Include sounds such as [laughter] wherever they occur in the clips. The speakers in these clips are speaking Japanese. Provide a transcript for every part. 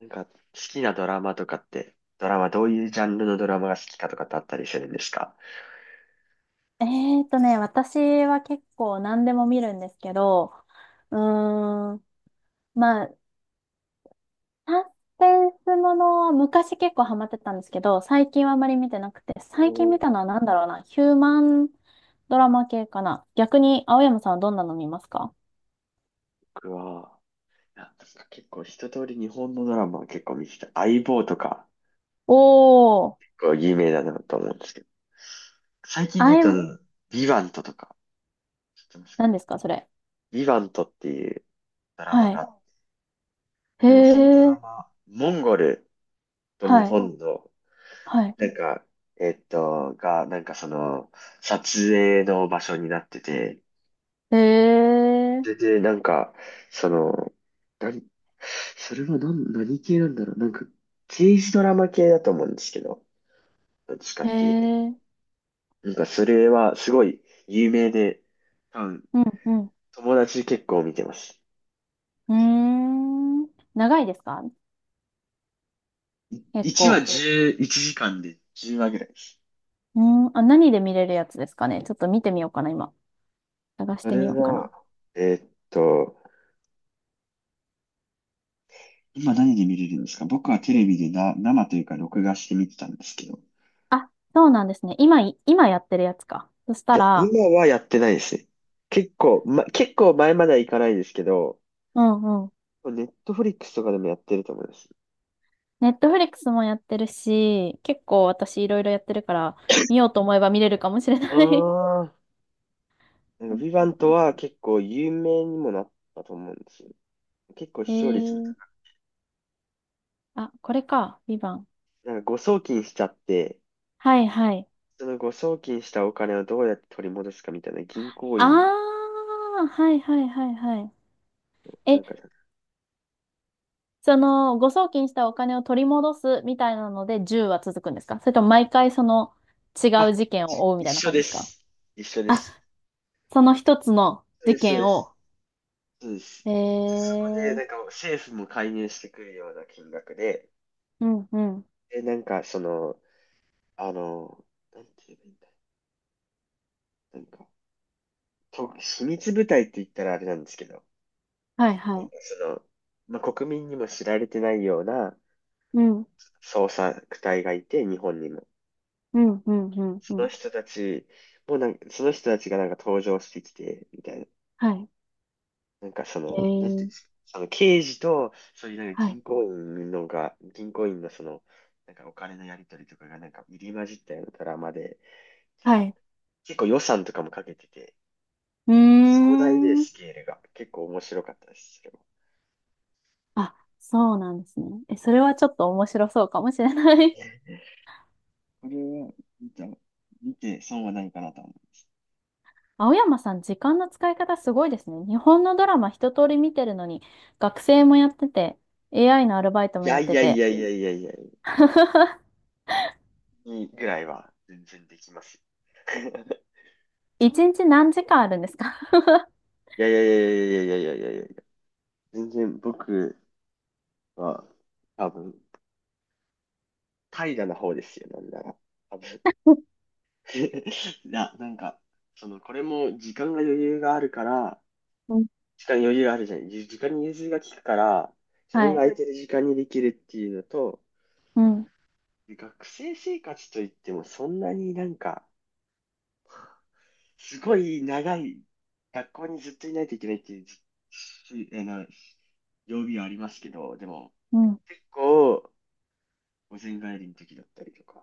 なんか、好きなドラマとかって、ドラマ、どういうジャンルのドラマが好きかとかってあったりするんですか？私は結構何でも見るんですけど、うーん、まあ、サスペンスものは昔結構ハマってたんですけど、最近はあまり見てなくて、最近見たのは何だろうな、ヒューマンドラマ系かな。逆に、青山さんはどんなの見ますか？僕は、なんか結構一通り日本のドラマは結構見てて、相棒とか、おー、結構有名だなと思うんですけど、最近あで言い、うと、ビバントとか、知ってますか？何ですか、それ。ビバントっていうドラマはい。が、へなんかそのドラえ、マ、モンゴルと日はい、本の、はい。なんか、えっと、が、なんかその、撮影の場所になってて、へえ、それで、なんか、その、何、それは何系なんだろう。なんか、刑事ドラマ系だと思うんですけど、どっちかへっていうと。え、なんか、それはすごい有名で、多分、うん、うん。友達結構見てます。うーん、長いですか？結1話構。11時間で10話ぐらいです。うん、あ、何で見れるやつですかね。ちょっと見てみようかな、今。探しそてみれようかは、な。えーっと、今何で見れるんですか？僕はテレビで生というか録画して見てたんですけど。あ、そうなんですね。今やってるやつか。そしいたや、ら、今はやってないですね。結構前まではいかないですけど、うんうん。ネットフリックスとかでもやってると思います。ネットフリックスもやってるし、結構私いろいろやってるから、見ようと思えば見れるかもしれあない。 あ、なん [laughs] うか、んヴィヴァントは結構有名にもなったと思うんですよ。結構え視聴率も、ー、あ、これか。ビバン。なんか誤送金しちゃって、はいはい。その誤送金したお金をどうやって取り戻すかみたいな銀行員、あー、はいはいはいはい。なんか、誤送金したお金を取り戻すみたいなので10は続くんですか？それとも毎回その違うあ、事件を追うみ一たいな緒感じでですか？す。一緒であ、す。その一つのそうで事す、そう件です。を。そうです。で、えそこで、ー、なんか政府も介入してくるような金額で、うんうん。で、なんかその、あの、なんて言えばいいんだ。なんか、秘密部隊って言ったらあれなんですけど、はいはい。その、国民にも知られてないようなうん、捜索隊がいて、日本にも。うん、うん、うん、うそのん。人たちもなんか、その人たちがなんか登場してきて、みたいな。はい。なんかそえの、なんていうんでー、すか。その刑事と、そういうなんかはい、銀行員のなんかお金のやり取りとかがなんか入り混じったようなドラマで、なんはかい。結構予算とかもかけてて、うー壮大でん。スケールが結構面白かったですけど。あ、そうなんですね。え、そそれれはちょっと面白そうかもしれない。これは、見て損はないかなと思う。青山さん、時間の使い方すごいですね。日本のドラマ一通り見てるのに、学生もやってて、AI のアルバイトいもややっいてやいて。やいやいやいやい、 [laughs] いぐらいは全然できますよ。一日何時間あるんですか？ [laughs] いやいやいやいやいやいやいやいや、全然僕は多分、怠惰な方ですよ、なんなら。多分。[laughs] [laughs] いや、なんか、これも時間が余裕があるから、うん時間に余裕があるじゃない。時間に融通が利くから、自は分がい。空いてる時間にできるっていうのと、うん。学生生活といってもそんなになんか、すごい長い、学校にずっといないといけないっていうじ、しあの、曜日はありますけど、でも、うん。結構、午前帰りの時だったりとか、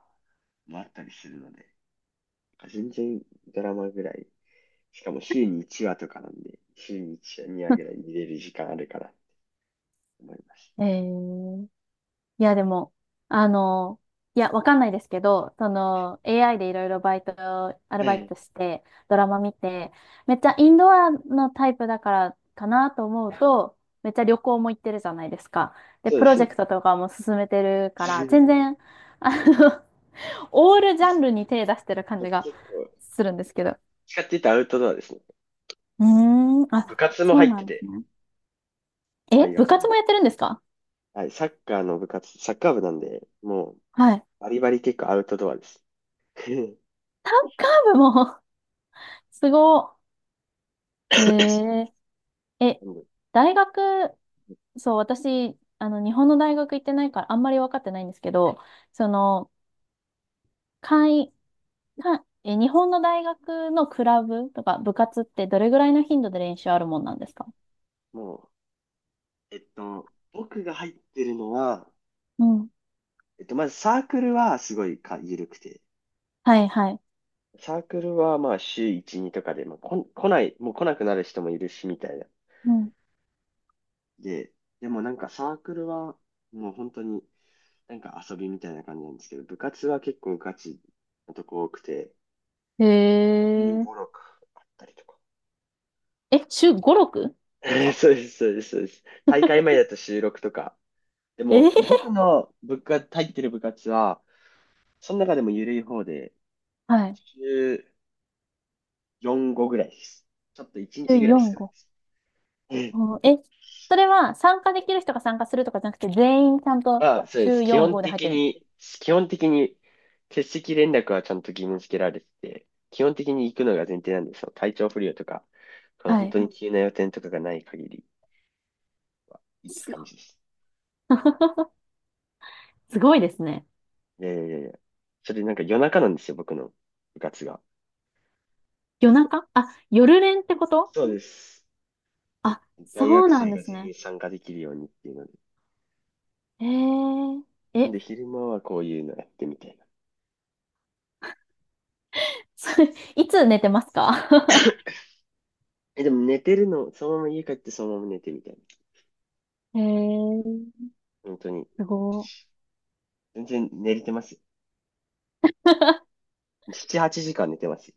もあったりするので、全然ドラマぐらい、しかも週に1話とかなんで、週に1話、2話ぐらい見れる時間あるから思います。えーいや、でも、あの、いや、わかんないですけど、AI でいろいろバイト、アルはバイい。トして、ドラマ見て、めっちゃインドアのタイプだからかなと思うと、めっちゃ旅行も行ってるじゃないですか。で、そうプでロすジェクね。トとかも進めてるから、全 [laughs] 然、[laughs] あの、オールジャンルに手出してる感じが結構、するんですけど。使ってたアウトドアですね。うーん、部あ、活もそ入うっなてんですて、ね。大え、部学の。活もやってるんですか？はい、サッカー部なんで、もうはい。バリバリ結構アウトドアです。[laughs] サッカー部も [laughs]、すごいへええ、大学、そう、私、日本の大学行ってないから、あんまり分かってないんですけど、その、会、かえ、日本の大学のクラブとか部活ってどれぐらいの頻度で練習あるもんなんですか？もう、僕が入ってるのは、うん。まずサークルはすごい緩くて、はい、はい。サークルはまあ週1、2とかで、まあ、こん、来ない、もう来なくなる人もいるし、みたいな。うん。で、でもなんかサークルはもう本当になんか遊びみたいな感じなんですけど、部活は結構ガチなとこ多くて、へ1 え。6あったりとか。え、週5、6？ [laughs] そうです、そうです、そうです。大会前だと収録とか、でえも、ー僕の部活、入ってる部活は、その中でも緩い方で、はい。週4、5ぐらいです。ちょっと1週日ぐらい4、少ない5。です。うん。うんえ、それは参加できる人が参加するとかじゃなくて、全員ちゃんとまあ、そうです。週基4、本5で入っ的てるんです。に、基本的に、欠席連絡はちゃんと義務付けられてて、基本的に行くのが前提なんですよ。体調不良とか、このは本当い。に急な予定とかがない限りは [laughs] 行くすご感じです。い [laughs] すごいですね。いやいやいやいや。それなんか夜中なんですよ、僕の部活が。夜中あ、夜練ってこと？そうです。あ、大そ学うなん生でがす全ね。員参加できるようにっていうのえー、で、え、昼間はこういうのやってみたいな。[laughs] それ、いつ寝てますか？ え、でも寝てるの、そのまま家帰ってそのまま寝てみたいな。[laughs] えー、本当に。すご全然寝れてますよ。い。[laughs] 7、8時間寝てますよ。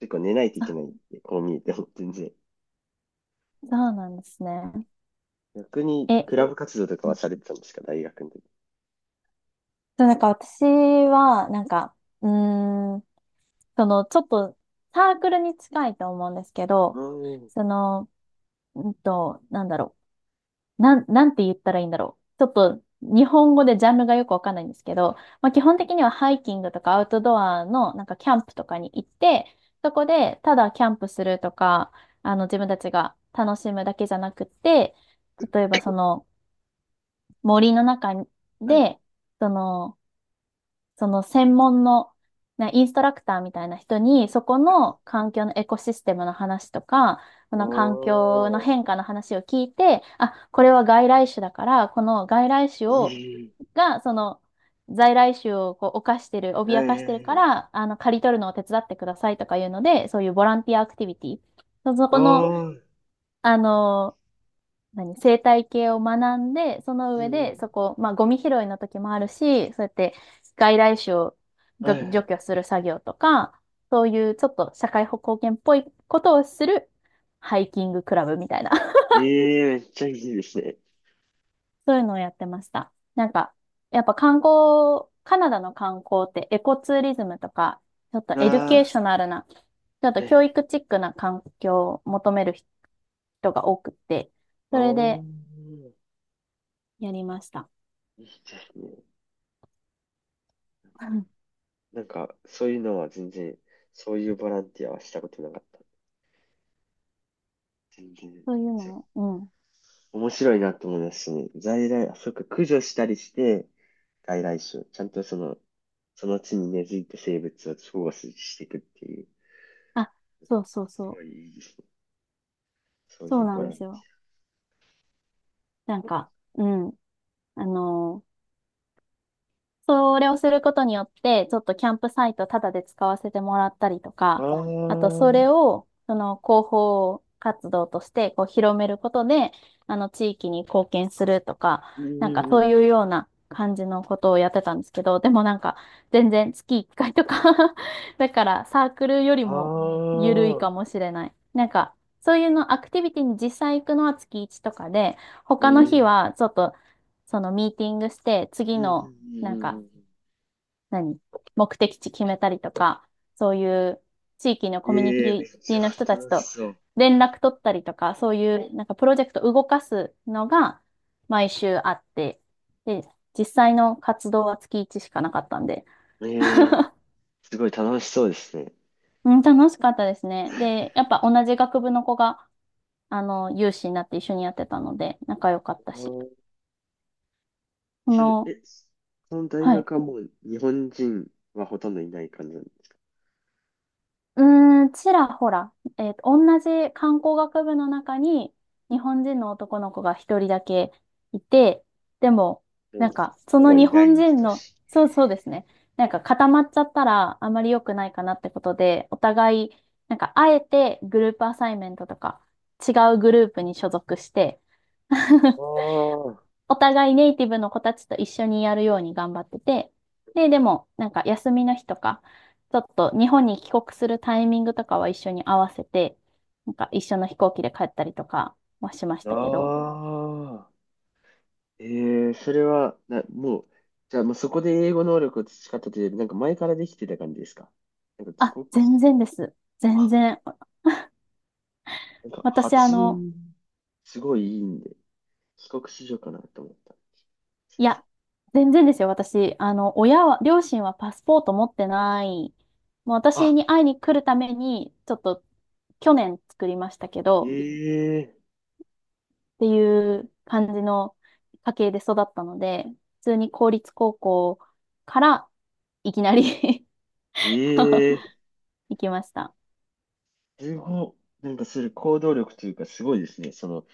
結構寝ないといけあ、ないんで、こう見えても全然。そうなんですね。逆に、え、クラブ活動とうかはんされてたんですか？大学の時。そうなんか私は、なんか、うーん、ちょっと、サークルに近いと思うんですけうど、ーん。その、なんだろう。なんて言ったらいいんだろう。ちょっと日本語でジャンルがよくわかんないんですけど、まあ、基本的にはハイキングとかアウトドアのなんかキャンプとかに行って、そこでただキャンプするとか、自分たちが楽しむだけじゃなくて、例えばその森の中はい。で、そのその専門の、ね、インストラクターみたいな人に、そこの環境のエコシステムの話とか、こおの環境のー。変化の話を聞いて、あ、これは外来種だから、この外来種を、いい。が、在来種をこう犯してる、は脅いかはしてるいはかい。ら、刈り取るのを手伝ってくださいとかいうので、そういうボランティアアクティビティ。そそおこの、ー。あの何、生態系を学んで、そのい上で、い。まあ、ゴミ拾いの時もあるし、そうやって外来種をは除いは除い。去する作業とか、そういうちょっと社会貢献っぽいことをするハイキングクラブみたいな、[laughs] ええ、めっちゃいいですね。そういうのをやってました。なんか、やっぱカナダの観光ってエコツーリズムとか、ちょっとあエデュケーショナルな、ちょっー、とは教い。育チックな環境を求める人が多くて、それおでー。やりました。いいですね。[laughs] うんなんか、そういうのは全然、そういうボランティアはしたことなかった。全然。そういうそう、のを、うん、面白いなと思いますしね。在来、あ、そっか、駆除したりして、外来種、ちゃんとその地に根付いた生物を保護していくっていう、あ、そうそうすそごいう。いいですね。そうそいううなボんラでンテすよ。なんか、うん。あの、それをすることによって、ちょっとキャンプサイトタダで使わせてもらったりとィア。か、ああ、あとそうれんを、その広報活動としてこう広めることで、あの地域に貢献するとか、うなんかんうそういん。うような感じのことをやってたんですけど、でもなんか全然月1回とか [laughs] だからサークルよりもあ緩いあ、かもしれない。なんかそういうのアクティビティに実際行くのは月1とかで、う他ん、のう日んはちょっとそのミーティングして、う次んのうなんんうか、ん。何目的地決めたりとか、そういう地域のコミュええ、めっニテちィゃの人たち楽しとそ連絡取ったりとか、そういうなんかプロジェクトを動かすのが毎週あって、で、実際の活動は月1しかなかったんで、う。ええ、すごい楽しそうですね。うん、楽しかったですね。で、やっぱ同じ学部の子が、有志になって一緒にやってたので、仲良かったし。あそれ、の、その大はい。学はもう日本人はほとんどいない感じなんです。うーん、ちらほら、同じ観光学部の中に日本人の男の子が一人だけいて、でも、もなう、んか、そほのぼい日ない本に人等の、しい。そうそうですね、なんか固まっちゃったらあまり良くないかなってことで、お互い、なんか、あえてグループアサイメントとか、違うグループに所属して [laughs] あお互いネイティブの子たちと一緒にやるように頑張ってて、で、でも、なんか休みの日とか、ちょっと日本に帰国するタイミングとかは一緒に合わせて、なんか一緒の飛行機で帰ったりとかはしましあ、たけど、ああ、ええー、それは、もう、じゃあもうそこで英語能力を培ったというより、なんか前からできてた感じですか？なんか帰あ、国し、全然です。全あ、然。なんか私、発音、すごいいいんで、帰国子女かなと思った。いや、全然ですよ。私、両親はパスポート持ってない。もう私あ、に会いに来るために、ちょっと去年作りましたけど、ええっていう感じの家系で育ったので、普通に公立高校からいきなり [laughs] ええ、行きました。すご、なんかする行動力というかすごいですね。その、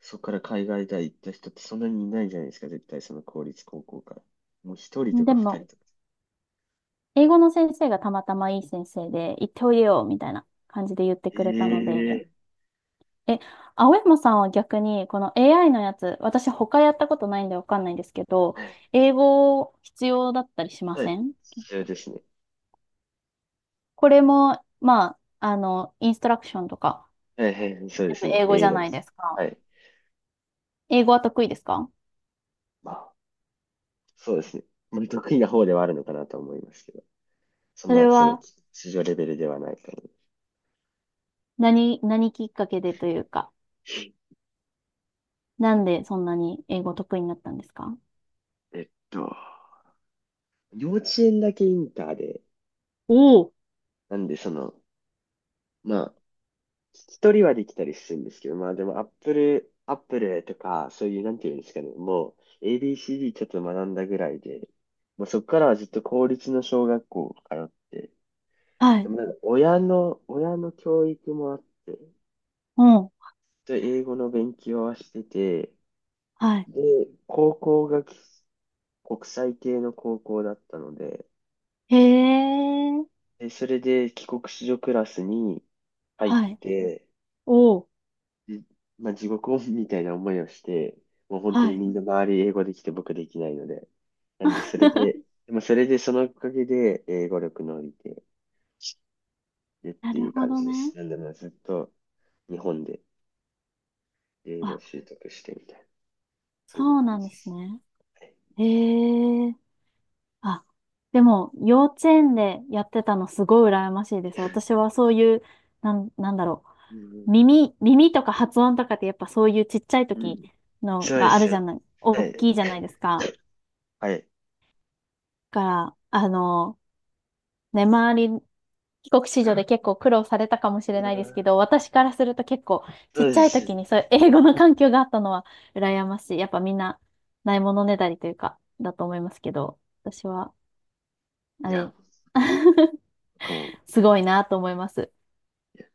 そこから海外大行った人ってそんなにいないじゃないですか、絶対その公立高校から。もう一人とかで二も、人とか。英語の先生がたまたまいい先生で、行っておいでよ、みたいな感じで言ってくれたので、ええ。え、青山さんは逆に、この AI のやつ、私他やったことないんでわかんないんですけど、はい。英語必要だったりしまはせい。ん？そうですね。これも、まあ、インストラクションとか、はいはいはい、そうで全す部ね。英語じ英ゃ語なでいすでね。すはか。い。英語は得意ですか？まあ、そうですね。まあ、得意な方ではあるのかなと思いますけど、そんそれな、その、は市場レベルではないと思う。何きっかけでというか、なんでそんなに英語得意になったんですか？えっと、幼稚園だけインターで、おお、なんでま聞き取りはできたりするんですけど、まあでも Apple とか、そういう、なんていうんですかね、もう ABCD ちょっと学んだぐらいで、もうそこからはずっと公立の小学校通って、はでい。もなんか親の教育もあって、ずっうん。と英語の勉強はしてて、はい。で、高校が国際系の高校だったので、へえ。で、それで帰国子女クラスに入っはい。て、おお。で、まあ、地獄をみたいな思いをして、もう本当はにい。みんな周り英語できて僕できないので。なんで、それで、[laughs] でもそれでそのおかげで英語力伸びて、でっなているうほ感どじでね。す。なんで、まあずっと日本で英語あ、を習得してみたいな、そういうそう感なんじでですす。ね。はい。へえ。あ、でも、幼稚園でやってたのすごい羨ましいです。私はそういう、なん、なんだろうう。ん耳とか発音とかってやっぱそういうちっちゃいうんう時ん。のそうでがあするじよ。ゃない、は大い。きいじゃないですか。はい。から、ね、周り、帰国子女で結構苦労されたかもしうれないですけど、ん。私からすると結構ちそっうちでゃい時す。にそういう英語の環境があったのは羨ましい。やっぱみんなないものねだりというか、だと思いますけど、私は、いあや、れ、[laughs] 僕も。すごいなと思います。いや。